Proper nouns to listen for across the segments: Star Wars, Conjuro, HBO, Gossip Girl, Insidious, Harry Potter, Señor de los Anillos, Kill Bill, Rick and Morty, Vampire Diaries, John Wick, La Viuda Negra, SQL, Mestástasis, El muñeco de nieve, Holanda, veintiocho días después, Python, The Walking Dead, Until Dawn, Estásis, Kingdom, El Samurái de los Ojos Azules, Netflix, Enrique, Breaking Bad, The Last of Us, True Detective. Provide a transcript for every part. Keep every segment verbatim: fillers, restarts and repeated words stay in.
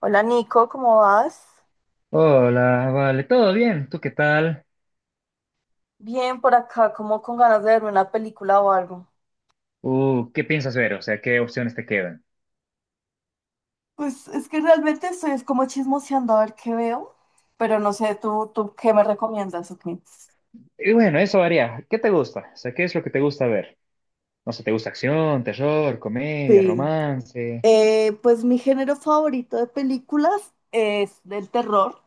Hola Nico, ¿cómo vas? Hola, vale, ¿todo bien? ¿Tú qué tal? Bien por acá, como con ganas de verme una película o algo. Uh, ¿qué piensas ver? O sea, ¿qué opciones te quedan? Pues es que realmente estoy es como chismoseando a ver qué veo, pero no sé, ¿tú, tú ¿qué me recomiendas o qué? Y bueno, eso varía. ¿Qué te gusta? O sea, ¿qué es lo que te gusta ver? No sé, ¿te gusta acción, terror, comedia, Sí. romance? Eh, pues mi género favorito de películas es del terror,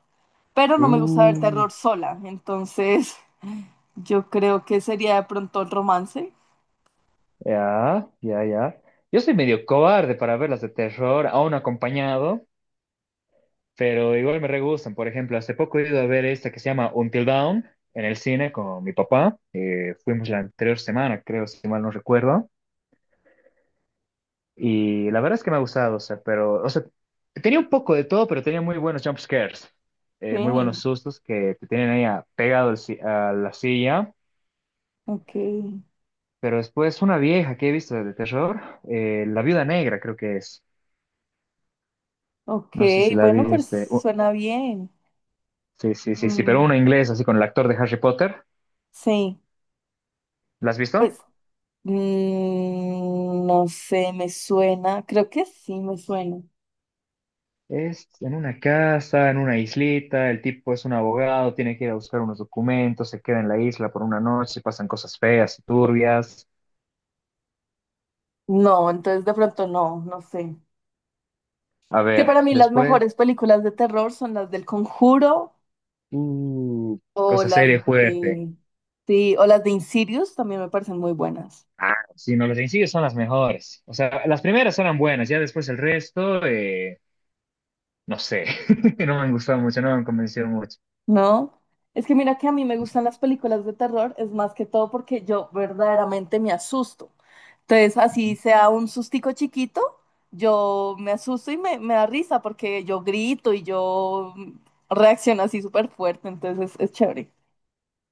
pero no me gusta ver Uh, terror sola, entonces yo creo que sería de pronto el romance. ya, ya, ya. Yo soy medio cobarde para ver las de terror, aún acompañado, pero igual me re gustan. Por ejemplo, hace poco he ido a ver esta que se llama Until Dawn en el cine con mi papá. Eh, fuimos la anterior semana, creo, si mal no recuerdo. Y la verdad es que me ha gustado, o sea, pero, o sea, tenía un poco de todo, pero tenía muy buenos jump scares, Sí, eh, muy buenos sustos que te tienen ahí a- pegado al si- a la silla. ok, Pero después una vieja que he visto de terror, eh, La Viuda Negra creo que es, ok, no sé si la bueno, pues viste. Uh, suena bien. sí, sí, sí, sí, Mm, pero una inglesa así con el actor de Harry Potter, sí, ¿la has visto? pues mm, no sé, me suena. Creo que sí, me suena. Es en una casa, en una islita, el tipo es un abogado, tiene que ir a buscar unos documentos, se queda en la isla por una noche, pasan cosas feas y turbias. No, entonces de pronto no, no sé. A Que ver, para mí las después, mejores películas de terror son las del Conjuro uh, o cosa las seria y fuerte. de... Sí, o las de Insidious también me parecen muy buenas. Ah, sí, no, los sencillos son las mejores. O sea, las primeras eran buenas, ya después el resto, eh, no sé, no me han gustado mucho, no me han convencido mucho. No, es que mira que a mí me gustan las películas de terror, es más que todo porque yo verdaderamente me asusto. Entonces, así Ujú. sea un sustico chiquito, yo me asusto y me, me da risa porque yo grito y yo mm, reacciono así súper fuerte, entonces es, es chévere.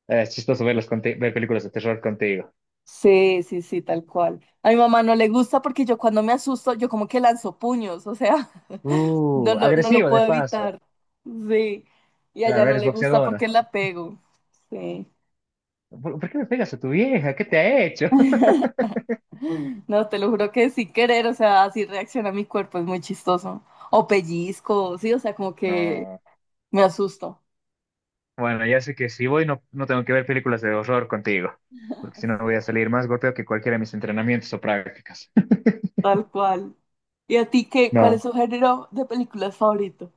Eh, Es chistoso verlas conti- ver películas de terror contigo. Sí, sí, sí, tal cual. A mi mamá no le gusta porque yo cuando me asusto, yo como que lanzo puños, o sea, no Uh, lo, no lo agresivo de puedo paso. evitar. Sí, y a ella Claro, no eres le gusta boxeadora. porque la pego. Sí. ¿Por, por qué me pegas a tu vieja? ¿Qué te ha hecho? No, te lo juro que sin querer, o sea, así reacciona mi cuerpo, es muy chistoso. O pellizco, sí, o sea, como que No. me asusto. Bueno, ya sé que si voy no, no tengo que ver películas de horror contigo, porque si no voy a Sí, salir más golpeado que cualquiera de mis entrenamientos o prácticas. tal cual. ¿Y a ti qué? ¿Cuál es No. tu género de películas favorito?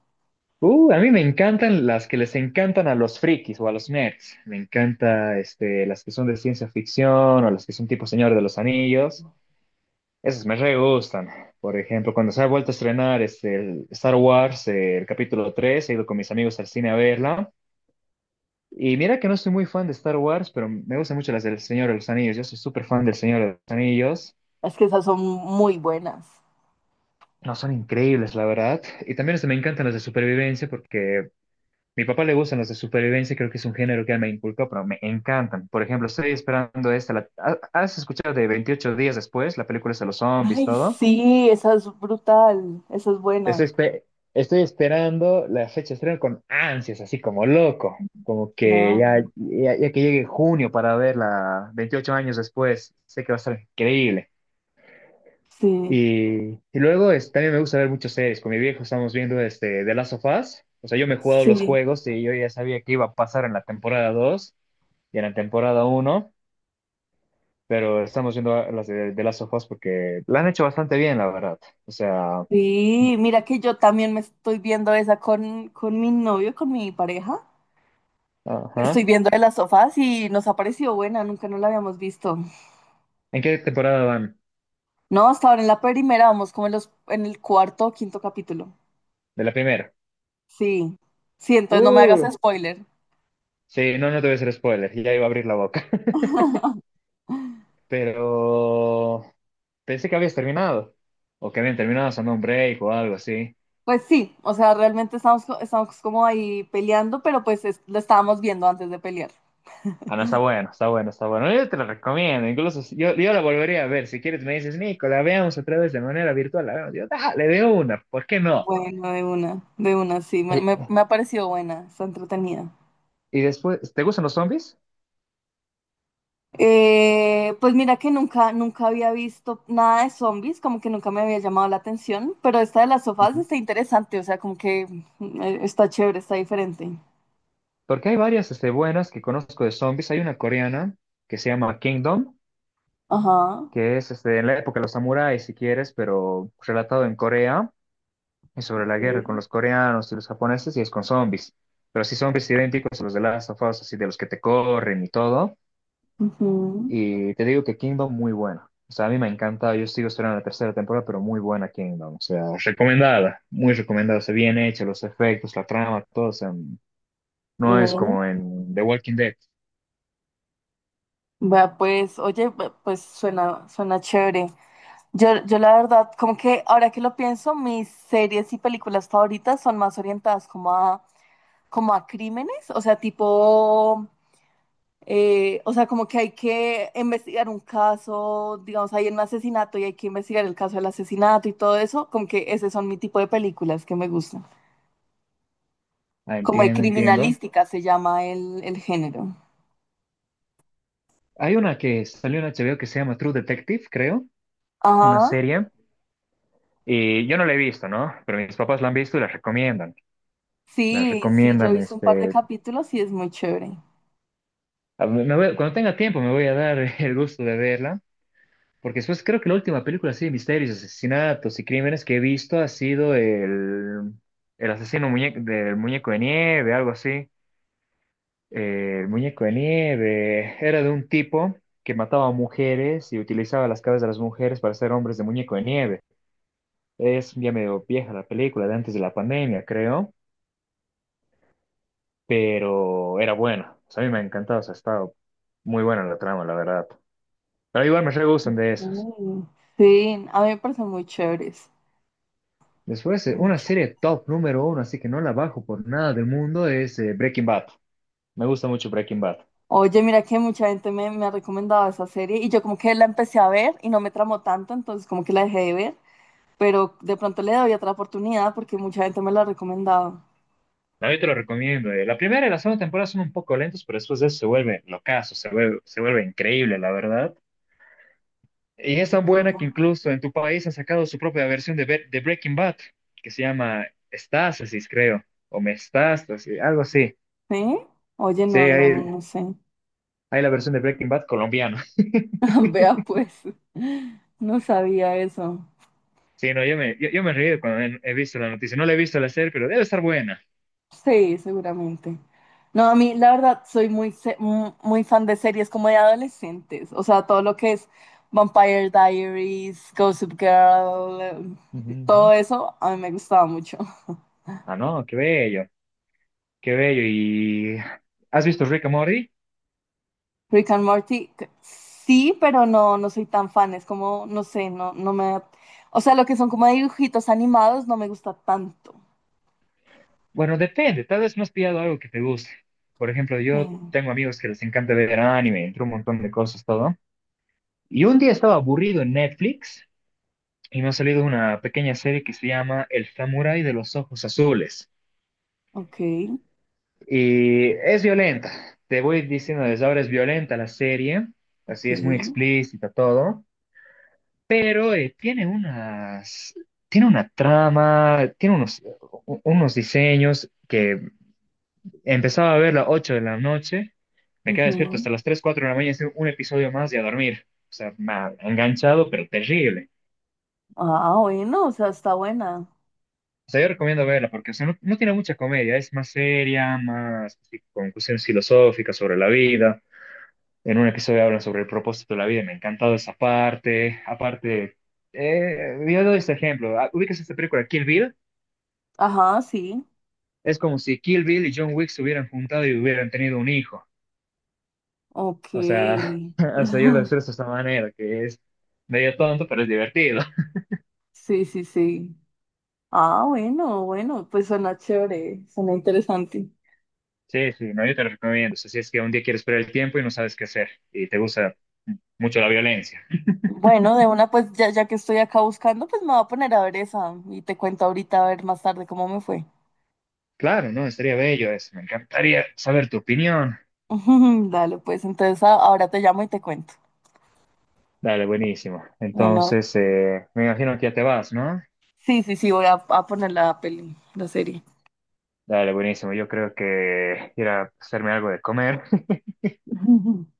Uh, a mí me encantan las que les encantan a los frikis o a los nerds. Me encanta este, las que son de ciencia ficción o las que son tipo Señor de los Anillos. Esas me re gustan. Por ejemplo, cuando se ha vuelto a estrenar este, el Star Wars, eh, el capítulo tres, he ido con mis amigos al cine a verla. Y mira que no soy muy fan de Star Wars, pero me gustan mucho las del Señor de los Anillos. Yo soy súper fan del Señor de los Anillos. Es que esas son muy buenas. No, son increíbles, la verdad. Y también este, me encantan las de supervivencia porque mi papá le gustan los de supervivencia, creo que es un género que él me inculcó, pero me encantan. Por ejemplo, estoy esperando esta. la- ¿ha- ¿Has escuchado de veintiocho días después? La película es de los zombies, Ay, todo. sí, esa es brutal, esa es buena. Estoy, espe- estoy esperando la fecha de estreno con ansias, así como loco. Como que Claro, ya, ya, ya que llegue junio para verla veintiocho años después, sé que va a estar increíble. sí, Y, y luego es- también me gusta ver muchas series. Con mi viejo estamos viendo este, The Last of Us. O sea, yo me he jugado los sí, juegos y yo ya sabía que iba a pasar en la temporada dos, y en la temporada uno, pero estamos viendo las de, de Last of Us porque la han hecho bastante bien, la verdad. O sea, sí. Mira que yo también me estoy viendo esa con, con mi novio, con mi pareja. Me estoy ajá. viendo de las sofás y nos ha parecido buena, nunca no la habíamos visto. ¿En qué temporada van? No, hasta ahora en la primera, vamos como en los, en el cuarto o quinto capítulo. De la primera. Sí, sí, entonces no me hagas Uh, spoiler. sí, no, no te voy a hacer spoiler, ya iba a abrir la boca. Pero pensé que habías terminado, o que habían terminado haciendo un break o algo así. Pues sí, o sea, realmente estamos, co- estamos como ahí peleando, pero pues es- lo estábamos viendo antes de pelear. Ah, no, está bueno, está bueno, está bueno. Yo te lo recomiendo, incluso si- yo, yo la volvería a ver. Si quieres, me dices, Nico, la veamos otra vez de manera virtual. La veamos. Yo, dale, de una, ¿por qué no? Bueno, de una, de una, sí, me, me, me ha parecido buena, está entretenida. Y después, ¿te gustan los zombies? Eh, pues mira que nunca, nunca había visto nada de zombies, como que nunca me había llamado la atención, pero esta de las sofás Ujú. está interesante, o sea, como que eh, está chévere, está diferente. Porque hay varias este, buenas que conozco de zombies. Hay una coreana que se llama Kingdom, Ajá. que es este, en la época de los samuráis, si quieres, pero relatado en Corea, y sobre la guerra con Ok. los coreanos y los japoneses, y es con zombies. Pero sí zombies idénticos a los de Last of Us, así de los que te corren y todo. Ujú. Y te digo que Kingdom muy buena. O sea, a mí me encanta, yo sigo esperando la tercera temporada, pero muy buena Kingdom. O sea, recomendada, muy recomendada. O sea, bien hecha, los efectos, la trama, todo. O sea, no es Mm, como en The Walking Dead. vea, pues, oye, ve- pues suena, suena chévere. Yo, yo la verdad, como que ahora que lo pienso, mis series y películas favoritas son más orientadas como a, como a crímenes, o sea, tipo, eh, o sea, como que hay que investigar un caso, digamos, hay un asesinato y hay que investigar el caso del asesinato y todo eso, como que ese son mi tipo de películas que me gustan. Ah, Como de entiendo, entiendo. criminalística se llama el, el género. Hay una que salió en H B O que se llama True Detective, creo, una Ajá. serie. Y yo no la he visto, ¿no? Pero mis papás la han visto y la recomiendan. La Sí, sí, yo he recomiendan, visto un par de este... capítulos y es muy chévere. a- me voy- cuando tenga tiempo me voy a dar el gusto de verla. Porque después creo que la última película así de misterios, asesinatos y crímenes que he visto ha sido el, el asesino muñe- del muñeco de nieve, algo así. Eh, El muñeco de nieve era de un tipo que mataba a mujeres y utilizaba las cabezas de las mujeres para hacer hombres de muñeco de nieve. Es ya medio vieja la película, de antes de la pandemia, creo, pero era buena. O sea, a mí me ha encantado, o sea, ha estado muy buena la trama, la verdad. Pero igual me re gustan de esas. Mm, sí, a mí me parecen muy chéveres. Después, eh, Muy una chévere. serie top número uno, así que no la bajo por nada del mundo, es eh, Breaking Bad. Me gusta mucho Breaking Bad. Oye, mira que mucha gente me, me ha recomendado esa serie y yo como que la empecé a ver y no me tramó tanto, entonces como que la dejé de ver, pero de pronto le doy otra oportunidad porque mucha gente me la ha recomendado. No, yo te lo recomiendo. Eh. La primera y la segunda temporada son un poco lentos, pero después de eso se vuelve locazo, se vuelve, se vuelve increíble, la verdad. Y es tan Ok. buena que incluso en tu país han sacado su propia versión de, Be- de Breaking Bad, que se llama Estásis, creo, o Mestástasis, algo así. ¿Sí? Oye, Sí, no, no, hay, no sé. hay la versión de Breaking Bad colombiana. Vea pues, no sabía eso. Sí, no, yo me, yo, yo me he reído cuando he, he visto la noticia. No la he visto la serie, pero debe estar buena. Sí, seguramente. No, a mí la verdad soy muy, se- mu- muy fan de series como de adolescentes, o sea, todo lo que es Vampire Diaries, Gossip Girl, eh, Ujú, ujú. todo eso a mí me gustaba mucho. Ah, no, qué bello, qué bello. ¿Y has visto Rick and Morty? Rick and Morty, c- sí, pero no, no soy tan fan, es como, no sé, no, no me... O sea, lo que son como dibujitos animados no me gusta tanto. Bueno, depende, tal vez no has pillado algo que te guste. Por ejemplo, Sí. yo tengo amigos que les encanta ver anime, entre un montón de cosas, todo. Y un día estaba aburrido en Netflix y me ha salido una pequeña serie que se llama El Samurái de los Ojos Azules. Ok, Y es violenta, te voy diciendo desde ahora es violenta la serie, así es muy ok. explícita todo, pero eh, tiene unas, tiene una trama, tiene unos, u- unos diseños que empezaba a verla a ocho de la noche, me quedaba despierto Ujú. hasta las tres cuatro de la mañana, hice un episodio más y a dormir. O sea, ma- enganchado, pero terrible. Ah, bueno, o sea, está buena. O sea, yo recomiendo verla porque, o sea, no, no tiene mucha comedia, es más seria, más así, con cuestiones filosóficas sobre la vida. En un episodio hablan sobre el propósito de la vida, me ha encantado esa parte. Aparte, eh, yo doy este ejemplo, ah, ubicas esta película Kill Bill, Ajá, sí. es como si Kill Bill y John Wick se hubieran juntado y hubieran tenido un hijo. Ok. O sea, hasta yo lo expreso de esta manera, que es medio tonto, pero es divertido. Sí, sí, sí. Ah, bueno, bueno, pues suena chévere, suena interesante. Sí, sí, no, yo te lo recomiendo. O sea, si es que un día quieres perder el tiempo y no sabes qué hacer y te gusta mucho la violencia. Bueno, de una, pues ya, ya que estoy acá buscando, pues me voy a poner a ver esa y te cuento ahorita, a ver más tarde cómo me fue. Claro, no, estaría bello eso. Me encantaría saber tu opinión. Dale, pues entonces a- ahora te llamo y te cuento. Dale, buenísimo. Bueno, Entonces, eh, me imagino que ya te vas, ¿no? sí, sí, sí, voy a, a poner la peli, la serie. Dale, buenísimo. Yo creo que ir a hacerme algo de comer.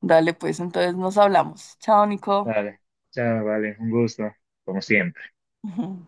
Dale, pues entonces nos hablamos. Chao, Nico. Dale. Chao, vale. Un gusto, como siempre.